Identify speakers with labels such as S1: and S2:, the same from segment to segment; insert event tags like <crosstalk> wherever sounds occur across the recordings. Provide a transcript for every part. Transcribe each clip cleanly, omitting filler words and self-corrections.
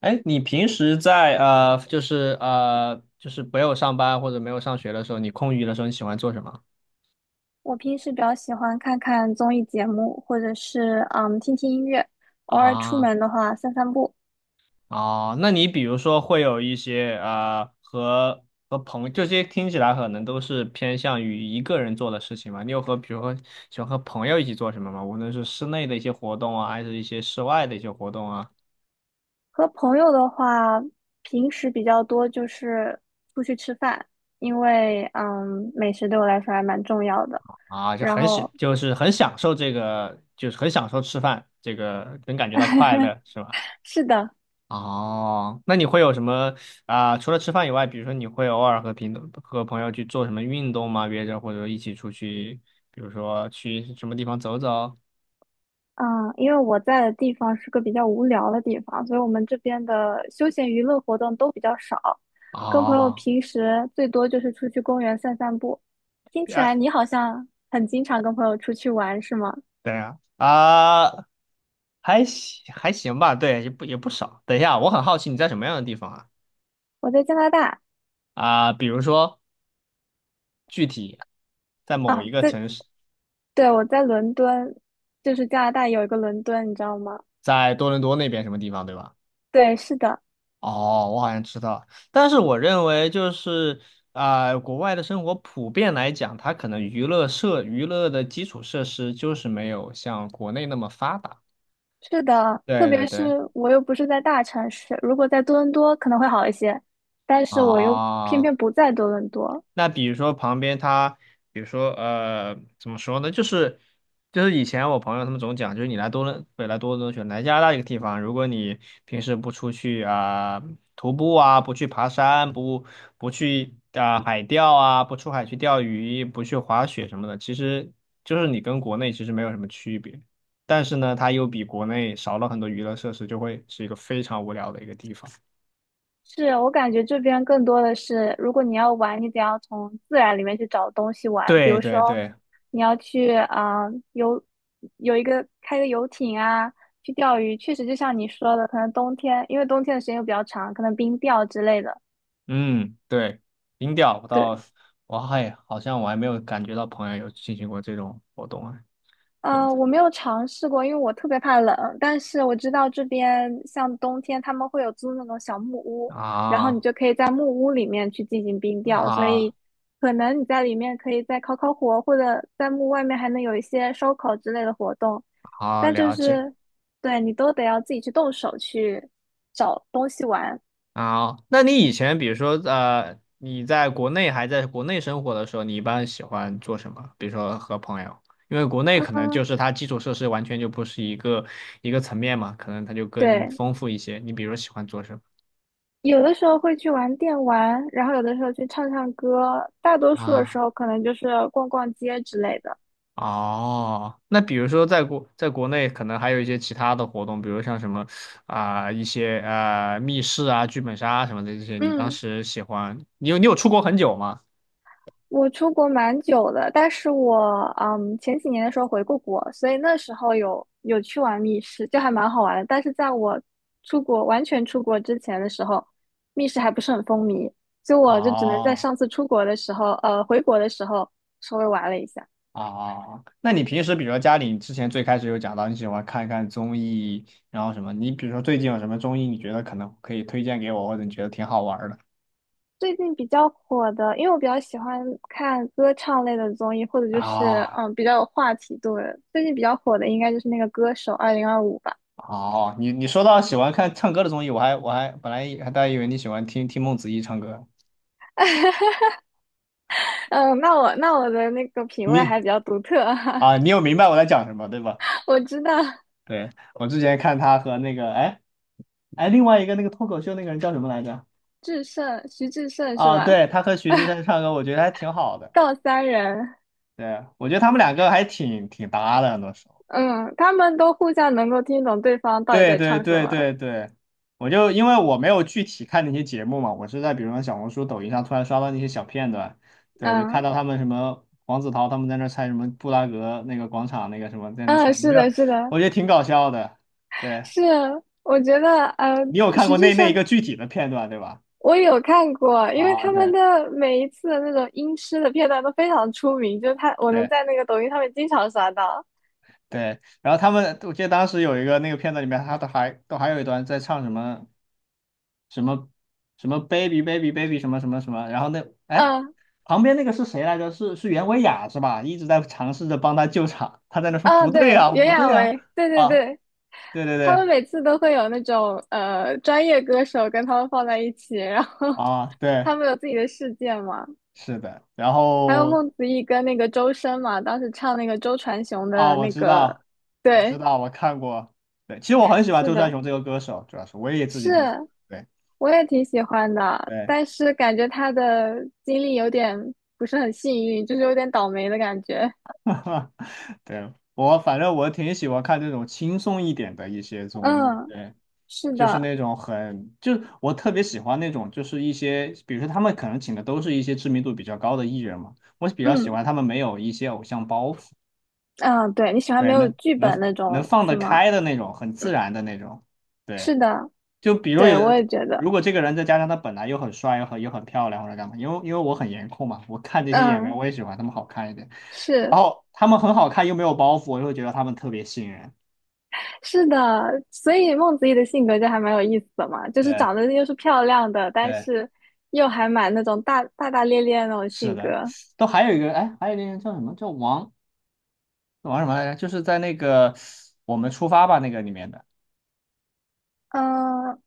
S1: 哎，你平时在就是没有上班或者没有上学的时候，你空余的时候你喜欢做什么
S2: 我平时比较喜欢看看综艺节目，或者是听听音乐，偶尔出
S1: 啊？
S2: 门的话散散步。
S1: 哦，那你比如说会有一些和朋友，这些听起来可能都是偏向于一个人做的事情嘛？你有和比如说喜欢和朋友一起做什么吗？无论是室内的一些活动啊，还是一些室外的一些活动啊，
S2: 和朋友的话，平时比较多就是出去吃饭，因为美食对我来说还蛮重要的。
S1: 啊，就
S2: 然
S1: 很喜
S2: 后
S1: 就是很享受这个，就是很享受吃饭，这个能感觉到快乐，是吧？
S2: 是的。
S1: 哦，那你会有什么除了吃饭以外，比如说你会偶尔和朋友去做什么运动吗？约着或者一起出去，比如说去什么地方走走？
S2: 嗯，因为我在的地方是个比较无聊的地方，所以我们这边的休闲娱乐活动都比较少，跟朋友
S1: 哦，
S2: 平时最多就是出去公园散散步。听起来
S1: 哎，
S2: 你好像很经常跟朋友出去玩，是吗？
S1: 等一下啊，还行还行吧，对，也不少。等一下，我很好奇你在什么样的地方啊？
S2: 我在加拿大。
S1: 比如说具体在某
S2: 啊，
S1: 一个
S2: 在，
S1: 城市，
S2: 对，我在伦敦，就是加拿大有一个伦敦，你知道吗？
S1: 在多伦多那边什么地方，对吧？
S2: 对，是的。
S1: 哦，我好像知道，但是我认为就是国外的生活普遍来讲，它可能娱乐的基础设施就是没有像国内那么发达。
S2: 是的，特
S1: 对
S2: 别
S1: 对
S2: 是
S1: 对，
S2: 我又不是在大城市，如果在多伦多可能会好一些，但是我又偏
S1: 啊、
S2: 偏不在多伦多。
S1: 那比如说旁边它，比如说怎么说呢？就是以前我朋友他们总讲，就是你来多伦北来多伦多选来加拿大一个地方，如果你平时不出去啊、徒步啊，不去爬山，不去啊、海钓啊，不出海去钓鱼，不去滑雪什么的，其实就是你跟国内其实没有什么区别。但是呢，它又比国内少了很多娱乐设施，就会是一个非常无聊的一个地方。
S2: 是，我感觉这边更多的是，如果你要玩，你得要从自然里面去找东西玩，比
S1: 对
S2: 如
S1: 对
S2: 说
S1: 对。
S2: 你要去啊、游，有一个开个游艇啊，去钓鱼，确实就像你说的，可能冬天，因为冬天的时间又比较长，可能冰钓之类的。
S1: 嗯，对，音调我倒，
S2: 对。
S1: 我还好像我还没有感觉到朋友有进行过这种活动啊。对的
S2: 我没有尝试过，因为我特别怕冷。但是我知道这边像冬天他们会有租那种小木屋，然后你
S1: 啊
S2: 就可以在木屋里面去进行冰钓，所以
S1: 啊，
S2: 可能你在里面可以再烤烤火，或者在木屋外面还能有一些烧烤之类的活动。
S1: 好
S2: 但就
S1: 了解
S2: 是对你都得要自己去动手去找东西玩。
S1: 啊。那你以前比如说你在国内生活的时候，你一般喜欢做什么？比如说和朋友，因为国内可能就
S2: 嗯，
S1: 是它基础设施完全就不是一个层面嘛，可能它就更
S2: 对，
S1: 丰富一些。你比如说喜欢做什么
S2: 有的时候会去玩电玩，然后有的时候去唱唱歌，大多数的时
S1: 啊？
S2: 候可能就是逛逛街之类的。
S1: 哦，那比如说在国内可能还有一些其他的活动，比如像什么啊、一些密室啊、剧本杀啊什么的这些，你当
S2: 嗯，
S1: 时喜欢，你有出国很久吗？
S2: 我出国蛮久的，但是我前几年的时候回过国，所以那时候有去玩密室，就还蛮好玩的。但是在我出国完全出国之前的时候，密室还不是很风靡，所以我就只能在
S1: 哦
S2: 上次出国的时候，回国的时候稍微玩了一下。
S1: 哦，那你平时比如说家里之前最开始有讲到你喜欢看一看综艺，然后什么，你比如说最近有什么综艺你觉得可能可以推荐给我，或者你觉得挺好玩儿的？
S2: 最近比较火的，因为我比较喜欢看歌唱类的综艺，或者就是
S1: 啊
S2: 比较有话题度的。最近比较火的应该就是那个歌手二零二五》吧。
S1: 哦，你说到喜欢看唱歌的综艺，我还本来还大家以为你喜欢听听孟子义唱歌，
S2: 嗯，那我的那个品味
S1: 你
S2: 还比较独特啊。
S1: 你有明白我在讲什么，对吧？
S2: <laughs> 我知道
S1: 对，我之前看他和那个，哎哎，另外一个那个脱口秀那个人叫什么来着？
S2: 志胜，徐志胜是
S1: 啊，
S2: 吧？
S1: 对，他和徐志胜唱歌，我觉得还挺好的。
S2: 告三人。
S1: 对，我觉得他们两个还挺搭的，那时候。
S2: 嗯，他们都互相能够听懂对方到底
S1: 对
S2: 在
S1: 对
S2: 唱什
S1: 对
S2: 么。
S1: 对对，我就因为我没有具体看那些节目嘛，我是在比如说小红书、抖音上突然刷到那些小片段，对，就看
S2: 嗯。
S1: 到他们什么黄子韬他们在那儿猜什么布拉格那个广场那个什么在那儿
S2: 嗯，
S1: 唱，我
S2: 是
S1: 觉得
S2: 的，是的。
S1: 我觉得挺搞笑的。对。
S2: 是，我觉得
S1: 你有看
S2: 徐
S1: 过
S2: 志
S1: 那一
S2: 胜
S1: 个具体的片段对吧？
S2: 我有看过，因为
S1: 啊，
S2: 他们
S1: 对
S2: 的每一次的那种音痴的片段都非常出名，就是他我能
S1: 对
S2: 在那个抖音上面经常刷到。
S1: 对，然后他们，我记得当时有一个那个片段里面，他都还有一段在唱什么什么什么 baby baby baby 什么什么什么，然后那哎
S2: 嗯。
S1: 旁边那个是谁来着？是袁维雅是吧？一直在尝试着帮他救场，他在那说
S2: 啊，
S1: 不对
S2: 对，
S1: 啊
S2: 袁
S1: 不
S2: 娅
S1: 对啊
S2: 维，对对
S1: 啊，
S2: 对，
S1: 对对
S2: 他们
S1: 对
S2: 每次都会有那种专业歌手跟他们放在一起，然后
S1: 啊对
S2: 他们有自己的世界嘛。
S1: 是的，然
S2: 还有
S1: 后
S2: 孟子义跟那个周深嘛，当时唱那个周传雄
S1: 啊
S2: 的
S1: 我
S2: 那
S1: 知
S2: 个。
S1: 道我知
S2: 对，
S1: 道我看过，对，其实我很喜欢
S2: 是
S1: 周传
S2: 的。
S1: 雄这个歌手，主要是我也自己挺喜
S2: 是，
S1: 欢。对。
S2: 我也挺喜欢的，
S1: 对，
S2: 但是感觉他的经历有点不是很幸运，就是有点倒霉的感觉。
S1: <laughs> 对，我反正我挺喜欢看这种轻松一点的一些综艺，
S2: 嗯，
S1: 对，
S2: 是
S1: 就是
S2: 的。
S1: 那种很，就是我特别喜欢那种，就是一些，比如说他们可能请的都是一些知名度比较高的艺人嘛，我比较喜
S2: 嗯。
S1: 欢他们没有一些偶像包袱，
S2: 嗯，对，你喜欢
S1: 对，
S2: 没有
S1: 能
S2: 剧本
S1: 能
S2: 那
S1: 能
S2: 种
S1: 放
S2: 是
S1: 得
S2: 吗？
S1: 开的那种，很自
S2: 嗯，
S1: 然的那种，对。
S2: 是的。
S1: 就比如
S2: 对，我
S1: 有，
S2: 也觉得。
S1: 如果这个人再加上他本来又很帅又很漂亮或者干嘛，因为我很颜控嘛，我看这些演员
S2: 嗯，
S1: 我也喜欢他们好看一点，然
S2: 是。
S1: 后他们很好看又没有包袱，我就会觉得他们特别吸引人。
S2: 是的，所以孟子义的性格就还蛮有意思的嘛，就是
S1: 对
S2: 长得又是漂亮的，但
S1: 对，
S2: 是又还蛮那种大大咧咧的那种
S1: 是
S2: 性格。
S1: 的，都还有一个哎，还有一个人叫什么叫王什么来着？就是在那个我们出发吧那个里面的，
S2: 嗯，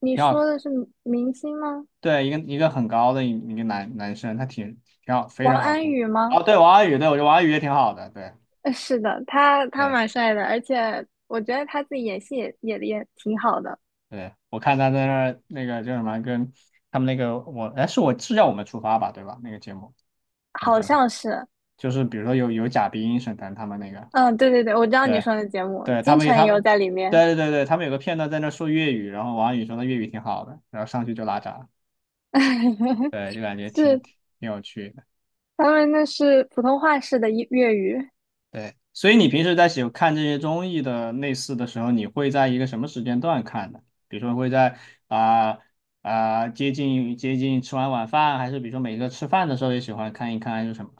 S2: 你
S1: 挺好
S2: 说
S1: 看。
S2: 的是明星吗？
S1: 对，一个很高的一个男生，他挺好，非
S2: 王
S1: 常好
S2: 安
S1: 看。
S2: 宇吗？
S1: 哦，对，王安宇，对，我觉得王安宇也挺好的，对。
S2: 是的，他他
S1: 对
S2: 蛮帅的，而且我觉得他自己演戏也也挺好的。
S1: 对，我看他在那儿那个叫什么，跟他们那个我，哎，是叫我们出发吧，对吧？那个节目，他
S2: 好
S1: 叫
S2: 像是。
S1: 就是比如说有贾冰、沈腾他们那个，
S2: 嗯，对对对，我知道你
S1: 对
S2: 说的节目，
S1: 对，他
S2: 金
S1: 们
S2: 晨
S1: 他
S2: 也有
S1: 们
S2: 在里面。
S1: 对对对对，他们有个片段在那儿说粤语，然后王安宇说他粤语挺好的，然后上去就拉闸，
S2: <laughs>
S1: 对，就感觉挺
S2: 是，
S1: 挺有趣。
S2: 他们那是普通话式的粤语。
S1: 对，所以你平时在看这些综艺的类似的时候，你会在一个什么时间段看呢？比如说会在啊接近吃完晚饭，还是比如说每个吃饭的时候也喜欢看一看，还是什么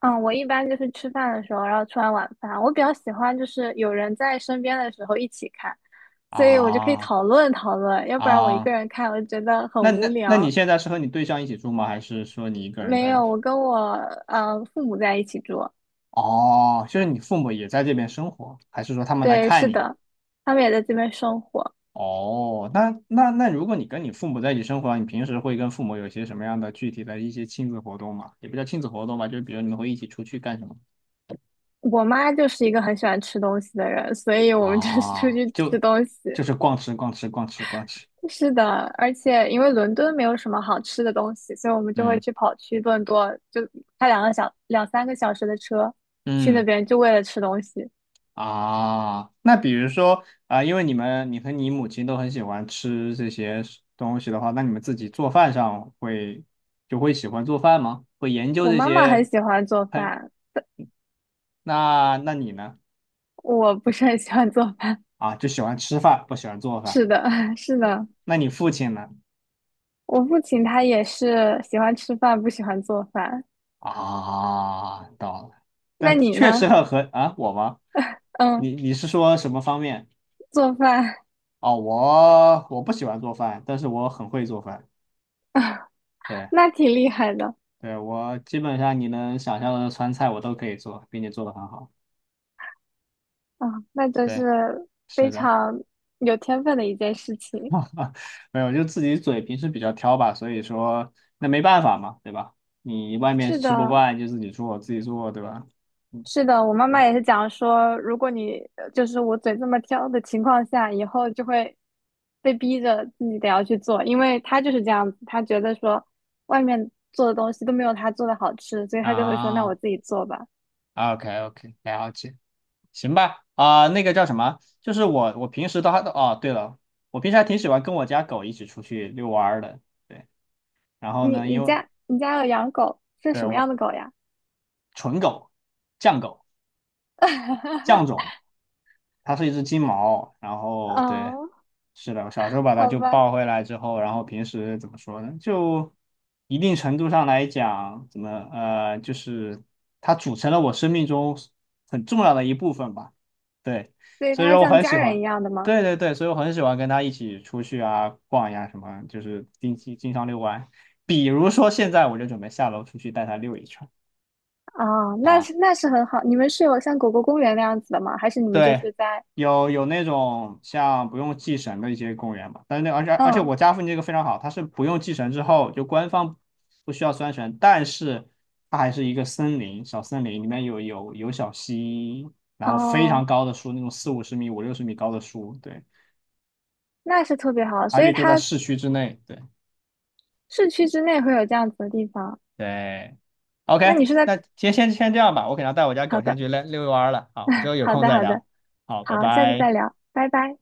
S2: 嗯，我一般就是吃饭的时候，然后吃完晚饭，我比较喜欢就是有人在身边的时候一起看，所以我就可以
S1: 啊
S2: 讨论讨论，要不然我一个
S1: 啊？
S2: 人看，我就觉得很
S1: 那
S2: 无
S1: 那那你
S2: 聊。
S1: 现在是和你对象一起住吗？还是说你一个人
S2: 没
S1: 在？
S2: 有，我跟我父母在一起住。
S1: 哦，就是你父母也在这边生活，还是说他们来
S2: 对，
S1: 看
S2: 是
S1: 你？
S2: 的，他们也在这边生活。
S1: 哦，那，如果你跟你父母在一起生活啊，你平时会跟父母有些什么样的具体的一些亲子活动吗？也不叫亲子活动吧，就是比如你们会一起出去干什么？
S2: 我妈就是一个很喜欢吃东西的人，所以我们就是出
S1: 啊，
S2: 去吃
S1: 就
S2: 东西。
S1: 就是逛吃逛吃逛吃逛吃，
S2: 是的，而且因为伦敦没有什么好吃的东西，所以我们就会
S1: 嗯
S2: 去跑去顿多，就开两三个小时的车去那
S1: 嗯
S2: 边，就为了吃东西。
S1: 啊，那比如说啊，因为你和你母亲都很喜欢吃这些东西的话，那你们自己做饭上会喜欢做饭吗？会研究
S2: 我
S1: 这
S2: 妈妈很
S1: 些
S2: 喜欢做
S1: 烹？
S2: 饭，
S1: 那你呢？
S2: 我不是很喜欢做饭。
S1: 啊，就喜欢吃饭，不喜欢做
S2: <laughs>
S1: 饭。
S2: 是的。<laughs> 是的，
S1: 那你父亲呢？
S2: 我父亲他也是喜欢吃饭，不喜欢做饭。
S1: 啊，到了，
S2: 那
S1: 但
S2: 你
S1: 确
S2: 呢？
S1: 实很和啊，我吗？
S2: 嗯，
S1: 你是说什么方面？
S2: 做饭。
S1: 哦，我不喜欢做饭，但是我很会做饭。对
S2: <laughs> 那挺厉害的。
S1: 对，我基本上你能想象的川菜我都可以做，并且做的很好。
S2: 啊，那真
S1: 对，
S2: 是非
S1: 是的，
S2: 常有天分的一件事情。
S1: 没有，就自己嘴平时比较挑吧，所以说那没办法嘛，对吧？你外面
S2: 是
S1: 吃不
S2: 的，
S1: 惯就自己做，自己做，对吧？嗯，
S2: 是的，我妈
S1: 对
S2: 妈也是讲说，如果你就是我嘴这么挑的情况下，以后就会被逼着自己得要去做，因为她就是这样子，她觉得说外面做的东西都没有她做的好吃，所以她就会说那我
S1: 啊
S2: 自己做吧。
S1: ，OK OK，了解。行吧，那个叫什么？就是我，我平时都都哦，对了，我平时还挺喜欢跟我家狗一起出去遛弯儿的。对，然后
S2: 你
S1: 呢，因为
S2: 你家有养狗，是
S1: 对
S2: 什么样
S1: 我
S2: 的狗呀？
S1: 纯狗，犟狗，犟
S2: <laughs>
S1: 种。它是一只金毛，然后对，
S2: 啊，
S1: 是的，我小时候把它
S2: 好
S1: 就
S2: 吧，
S1: 抱回来之后，然后平时怎么说呢？就一定程度上来讲，怎么就是它组成了我生命中很重要的一部分吧。对，
S2: 所以
S1: 所以
S2: 它是
S1: 说我
S2: 像
S1: 很
S2: 家
S1: 喜
S2: 人一
S1: 欢，
S2: 样的吗？
S1: 对对对，所以我很喜欢跟它一起出去啊逛呀什么，就是定期经常遛弯。比如说现在我就准备下楼出去带它遛一圈。
S2: 啊、那是
S1: 啊。
S2: 那是很好。你们是有像狗狗公园那样子的吗？还是你们就
S1: 对，
S2: 是在。
S1: 有那种像不用祭神的一些公园嘛，但是那而且而且
S2: 嗯。
S1: 我家附近这个非常好，它是不用祭神之后，就官方不需要拴绳，但是它还是一个森林，小森林里面有小溪，然后非常
S2: 哦，
S1: 高的树，那种四五十米、五六十米高的树，对，
S2: 那是特别好。
S1: 而
S2: 所
S1: 且
S2: 以
S1: 就在
S2: 它
S1: 市区之内，对
S2: 市区之内会有这样子的地方。
S1: 对
S2: 那
S1: ，OK，
S2: 你是在，
S1: 那先这样吧，我可能要带我家
S2: 好
S1: 狗下
S2: 的，
S1: 去遛遛弯儿了，好，我们之后有
S2: 好
S1: 空
S2: 的，
S1: 再
S2: 好的。
S1: 聊，好，拜
S2: 好，下次再
S1: 拜。
S2: 聊，拜拜。